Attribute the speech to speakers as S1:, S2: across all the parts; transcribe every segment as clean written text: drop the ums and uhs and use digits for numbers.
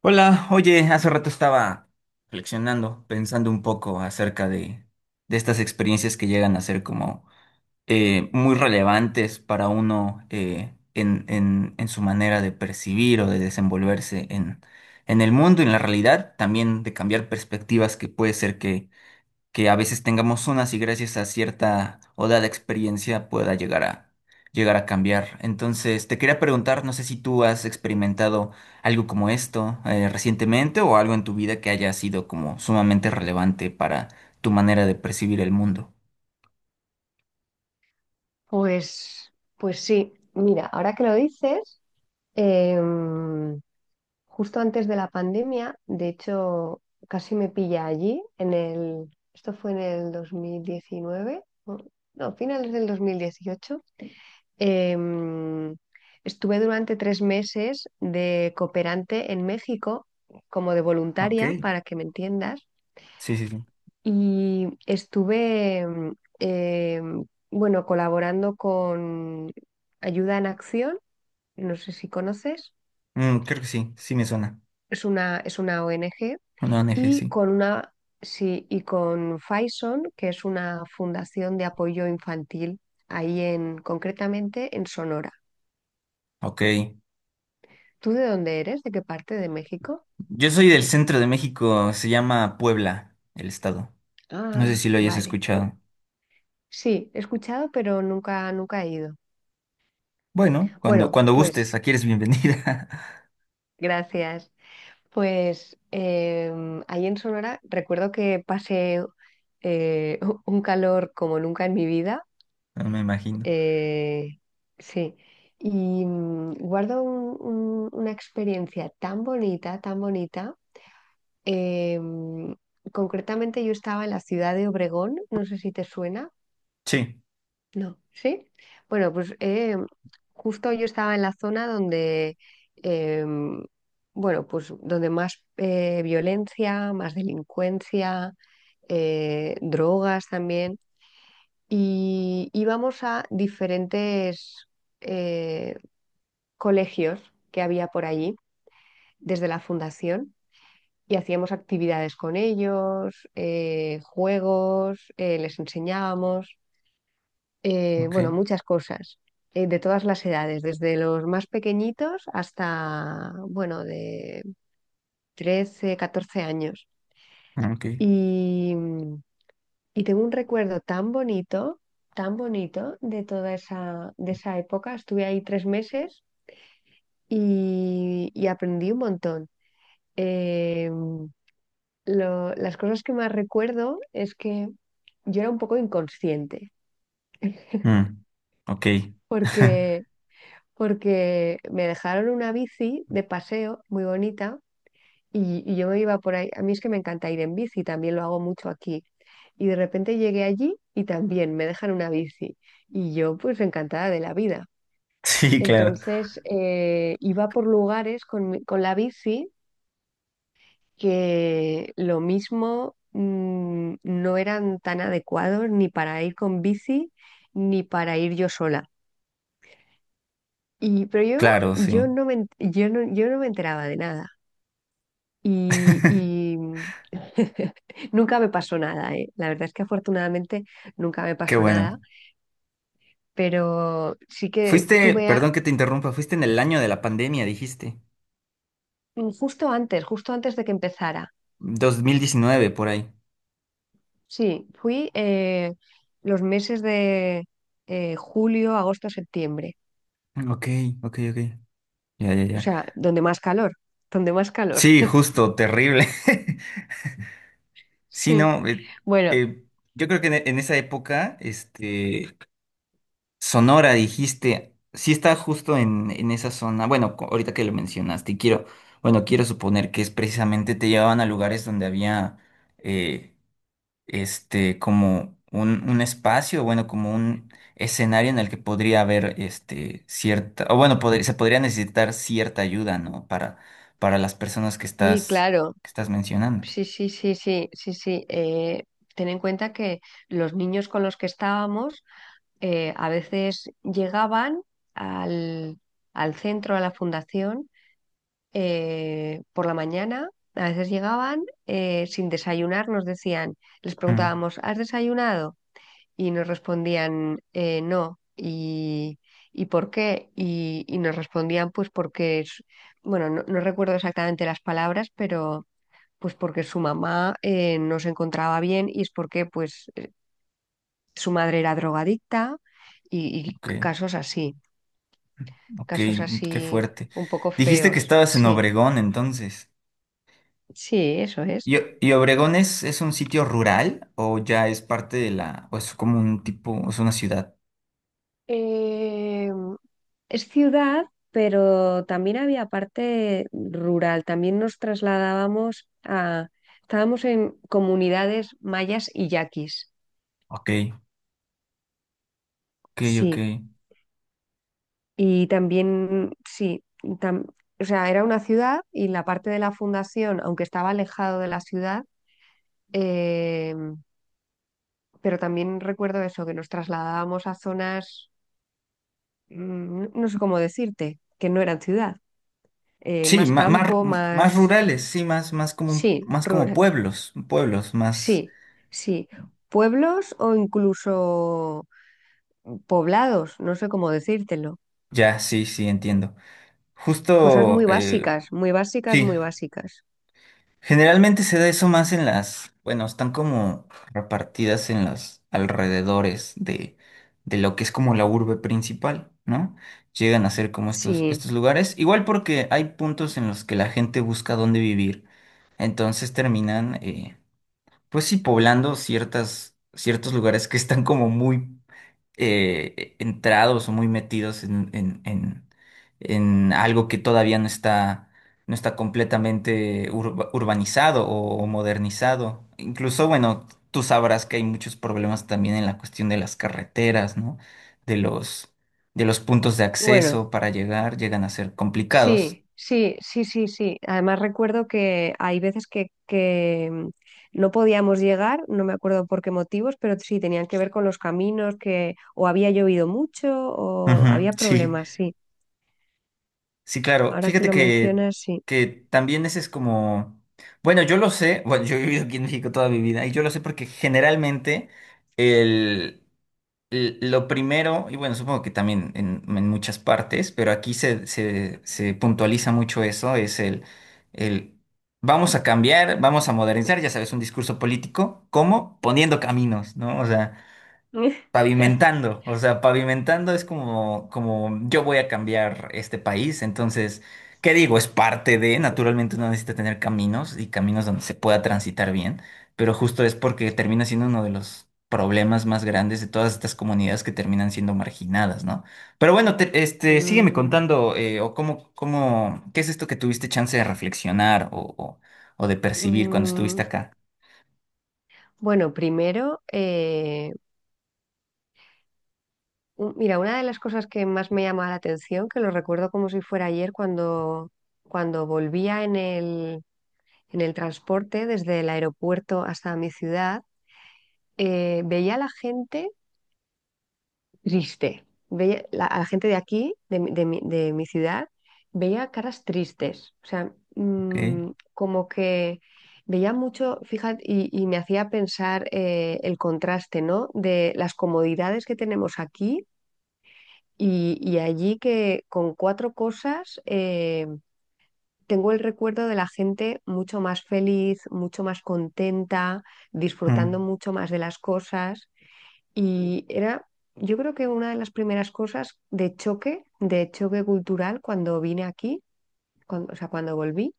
S1: Hola, oye, hace rato estaba reflexionando, pensando un poco acerca de estas experiencias que llegan a ser como muy relevantes para uno en su manera de percibir o de desenvolverse en el mundo, en la realidad, también de cambiar perspectivas que puede ser que a veces tengamos unas y gracias a cierta o dada experiencia pueda llegar a cambiar. Entonces, te quería preguntar, no sé si tú has experimentado algo como esto recientemente o algo en tu vida que haya sido como sumamente relevante para tu manera de percibir el mundo.
S2: Pues sí, mira, ahora que lo dices, em, justo antes de la pandemia, de hecho, casi me pilla allí, esto fue en el 2019, no, finales del 2018. em, Estuve durante 3 meses de cooperante en México como de
S1: Ok,
S2: voluntaria, para que me entiendas,
S1: sí, sí, sí.
S2: y estuve, eh, bueno, colaborando con Ayuda en Acción, no sé si conoces,
S1: Mm, creo que sí, sí me suena.
S2: es una ONG,
S1: Una ONG,
S2: y
S1: sí.
S2: sí, y con Faison, que es una fundación de apoyo infantil, concretamente en Sonora.
S1: Ok.
S2: ¿Tú de dónde eres? ¿De qué parte de México?
S1: Yo soy del centro de México, se llama Puebla, el estado. No sé
S2: Ah,
S1: si lo hayas
S2: vale. No,
S1: escuchado.
S2: sí, he escuchado, pero nunca he ido.
S1: Bueno, cuando,
S2: Bueno,
S1: cuando gustes,
S2: pues
S1: aquí eres bienvenida.
S2: gracias. Pues ahí en Sonora recuerdo que pasé eh, un calor como nunca en mi vida.
S1: Ah, me imagino.
S2: eh, sí, y guardo una experiencia tan bonita, tan bonita. em, Concretamente yo estaba en la ciudad de Obregón, no sé si te suena.
S1: Sí,
S2: No, ¿sí? Bueno, pues justo yo estaba en la zona donde, em, bueno, pues donde más violencia, más delincuencia, drogas también, y íbamos a diferentes eh, colegios que había por allí desde la fundación, y hacíamos actividades con ellos, juegos, les enseñábamos
S1: ok,
S2: bueno, muchas cosas, de todas las edades, desde los más pequeñitos hasta, bueno, de 13-14 años.
S1: ok.
S2: Y, y tengo un recuerdo tan bonito de toda esa, de esa época. Estuve ahí 3 meses y aprendí un montón. Eh, las cosas que más recuerdo es que yo era un poco inconsciente,
S1: Mm, ok.
S2: porque porque me dejaron una bici de paseo muy bonita y yo me iba por ahí. A mí es que me encanta ir en bici, también lo hago mucho aquí. Y de repente llegué allí y también me dejan una bici. Y yo pues encantada de la vida.
S1: Sí, claro.
S2: Entonces iba por lugares con la bici, que lo mismo no eran tan adecuados ni para ir con bici ni para ir yo sola. Y, pero yo,
S1: Claro, sí.
S2: yo no me enteraba de nada. Y nunca me pasó nada, ¿eh? La verdad es que afortunadamente nunca me
S1: Qué
S2: pasó
S1: bueno.
S2: nada. Pero sí que
S1: Fuiste,
S2: tuve, a-
S1: perdón que te interrumpa, fuiste en el año de la pandemia, dijiste.
S2: mm, Justo antes de que empezara.
S1: 2019 por ahí.
S2: Sí, fui los meses de julio, agosto, septiembre,
S1: Mm, ok, ok, ok. Ya, ya,
S2: o
S1: ya.
S2: sea, donde más calor, donde más calor.
S1: Sí, justo, terrible. Sí,
S2: Sí,
S1: no,
S2: bueno,
S1: eh, yo creo que en esa época, este, Sonora, dijiste, sí está justo en esa zona. Bueno, ahorita que lo mencionaste, y quiero, bueno, quiero suponer que es precisamente te llevaban a lugares donde había eh, este como un espacio, bueno, como un escenario en el que podría haber este cierta, o bueno, se podría necesitar cierta ayuda, ¿no? Para las personas que
S2: sí, claro,
S1: que estás mencionando.
S2: sí, sí, sí, sí, sí, sí. Ten en cuenta que los niños con los que estábamos a veces llegaban al, al centro, a la fundación, por la mañana. A veces llegaban sin desayunar, nos decían, les
S1: Mm,
S2: preguntábamos, ¿has desayunado? Y nos respondían: No." Y, ¿por qué? Y, nos respondían, pues porque, bueno, no, no recuerdo exactamente las palabras, pero pues porque su mamá no se encontraba bien, y es porque pues su madre era drogadicta y
S1: ok,
S2: casos así.
S1: ok,
S2: Casos
S1: qué
S2: así,
S1: fuerte.
S2: un poco
S1: Dijiste que
S2: feos.
S1: estabas en
S2: Sí,
S1: Obregón, entonces.
S2: sí, eso es.
S1: ¿Y Obregón es un sitio rural o ya es parte de la, o es como un tipo, es una ciudad?
S2: Eh, Es ciudad, pero también había parte rural. También nos trasladábamos a... Estábamos en comunidades mayas y yaquis.
S1: Ok, ok, ok.
S2: Sí. Y también, sí, tam- o sea, era una ciudad, y la parte de la fundación, aunque estaba alejado de la ciudad, eh, pero también recuerdo eso, que nos trasladábamos a zonas, no sé cómo decirte, que no eran ciudad,
S1: Sí,
S2: más
S1: más,
S2: campo,
S1: más,
S2: más,
S1: rurales, sí, más,
S2: sí,
S1: más como
S2: rural,
S1: pueblos, más,
S2: sí, sí, pueblos o incluso poblados, no sé cómo decírtelo,
S1: ya, sí, sí, entiendo.
S2: cosas
S1: Justo,
S2: muy básicas, muy básicas,
S1: sí,
S2: muy básicas,
S1: generalmente se da eso más en las, bueno, están como repartidas en los de lo que es como la urbe principal, ¿no? Llegan a ser como
S2: sí,
S1: estos lugares, igual porque hay puntos en los que la gente busca dónde vivir, entonces terminan, pues sí, poblando ciertos lugares que están como muy entrados o muy metidos en algo que todavía no está completamente urbanizado o modernizado. Incluso, bueno, tú sabrás que hay muchos problemas también en la cuestión de las carreteras, ¿no? De los, de los puntos de
S2: bueno.
S1: acceso para llegar, llegan a ser complicados.
S2: Sí, sí, sí, sí, sí. Además recuerdo que hay veces que no podíamos llegar, no me acuerdo por qué motivos, pero sí tenían que ver con los caminos, que o había llovido mucho o
S1: Ujú,
S2: había
S1: sí.
S2: problemas, sí.
S1: Sí, claro.
S2: Ahora que
S1: Fíjate
S2: lo
S1: que,
S2: mencionas, sí.
S1: que también ese es como... Bueno, yo lo sé, bueno, yo he vivido aquí en México toda mi vida y yo lo sé porque generalmente el, el- lo primero, y bueno, supongo que también en muchas partes, pero aquí se, se, se puntualiza mucho eso, es el vamos a cambiar, vamos a modernizar, ya sabes, un discurso político, ¿cómo? Poniendo caminos, ¿no? O sea, pavimentando es como, como yo voy a cambiar este país, entonces, ¿qué digo? Es parte de, naturalmente uno necesita tener caminos y caminos donde se pueda transitar bien, pero justo es porque termina siendo uno de los problemas más grandes de todas estas comunidades que terminan siendo marginadas, ¿no? Pero bueno, te- este, sígueme
S2: Mm,
S1: contando, o cómo, cómo, ¿qué es esto que tuviste chance de reflexionar o de percibir cuando
S2: mm,
S1: estuviste acá?
S2: bueno, primero, mira, una de las cosas que más me llama la atención, que lo recuerdo como si fuera ayer, cuando volvía en el transporte desde el aeropuerto hasta mi ciudad, veía a la gente triste, veía a la gente de aquí, de mi ciudad, veía caras tristes, o sea,
S1: ¿Ok?
S2: como que veía mucho, fíjate, y me hacía pensar el contraste, ¿no? De las comodidades que tenemos aquí. Y allí, que con cuatro cosas, tengo el recuerdo de la gente mucho más feliz, mucho más contenta, disfrutando
S1: Mm,
S2: mucho más de las cosas. Y era, yo creo, que una de las primeras cosas de choque cultural cuando vine aquí, o sea, cuando volví,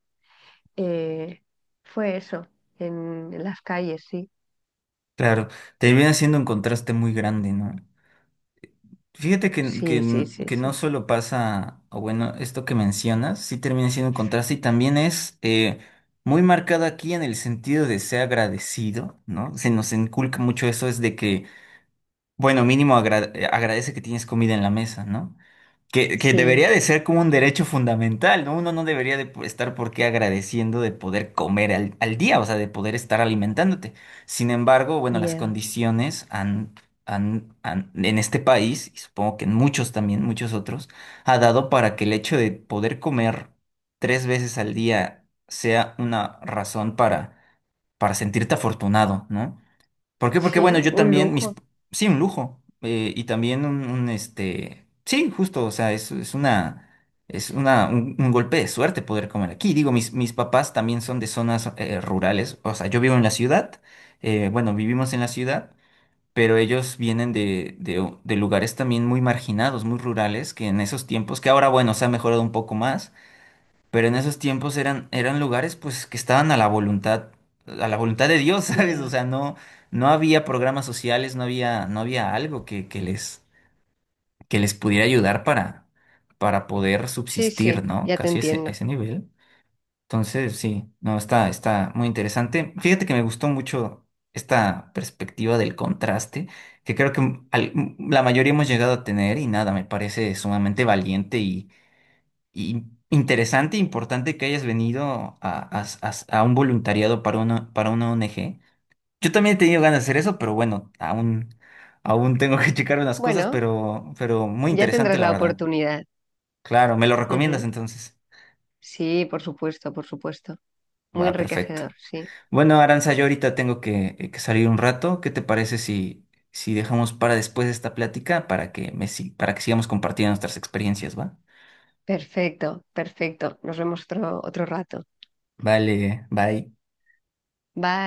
S2: eh, fue eso, en las calles, sí.
S1: claro, te viene haciendo un contraste muy grande, ¿no? Fíjate que,
S2: Sí, sí,
S1: que-
S2: sí,
S1: que no
S2: sí.
S1: solo pasa, o bueno, esto que mencionas, sí termina siendo un contraste y también es muy marcado aquí en el sentido de ser agradecido, ¿no? Se nos inculca mucho eso, es de que, bueno, mínimo agradece que tienes comida en la mesa, ¿no? Que
S2: Sí,
S1: debería de ser como un derecho fundamental, ¿no? Uno no debería de estar por qué agradeciendo de poder comer al día, o sea, de poder estar alimentándote. Sin embargo, bueno, las
S2: ya.
S1: condiciones en este país, y supongo que en muchos también, muchos otros, ha dado para que el hecho de poder comer 3 veces al día sea una razón para sentirte afortunado, ¿no? ¿Por qué? Porque bueno,
S2: Sí,
S1: yo
S2: un
S1: también, mis,
S2: lujo.
S1: sí, un lujo. Y también este, sí, justo, o sea, es una, un golpe de suerte poder comer aquí. Digo, mis papás también son de zonas rurales. O sea, yo vivo en la ciudad, bueno, vivimos en la ciudad, pero ellos vienen de lugares también muy marginados, muy rurales, que en esos tiempos, que ahora, bueno, se ha mejorado un poco más, pero en esos tiempos eran lugares pues que estaban a la voluntad de Dios, ¿sabes? O
S2: Ya.
S1: sea, no, no había programas sociales, no había, no había algo que les pudiera ayudar para poder
S2: Sí,
S1: subsistir,
S2: sí,
S1: ¿no?
S2: ya te
S1: Casi a a
S2: entiendo.
S1: ese nivel. Entonces, sí, no, está, está muy interesante. Fíjate que me gustó mucho esta perspectiva del contraste, que creo que la mayoría hemos llegado a tener y nada, me parece sumamente valiente y interesante e importante que hayas venido a, a un voluntariado para una ONG. Yo también he tenido ganas de hacer eso, pero bueno, aún, aún tengo que checar unas cosas,
S2: Bueno,
S1: pero muy
S2: ya
S1: interesante,
S2: tendrás
S1: la
S2: la
S1: verdad.
S2: oportunidad.
S1: Claro, ¿me lo recomiendas
S2: Ujú.
S1: entonces?
S2: Sí, por supuesto, por supuesto. Muy
S1: Va, perfecto.
S2: enriquecedor, sí.
S1: Bueno, Aranza, yo ahorita tengo que salir un rato. ¿Qué te parece si, si dejamos para después esta plática para que, me, si- para que sigamos compartiendo nuestras experiencias, va?
S2: Perfecto, perfecto. Nos vemos otro rato.
S1: Vale, bye.
S2: Bye.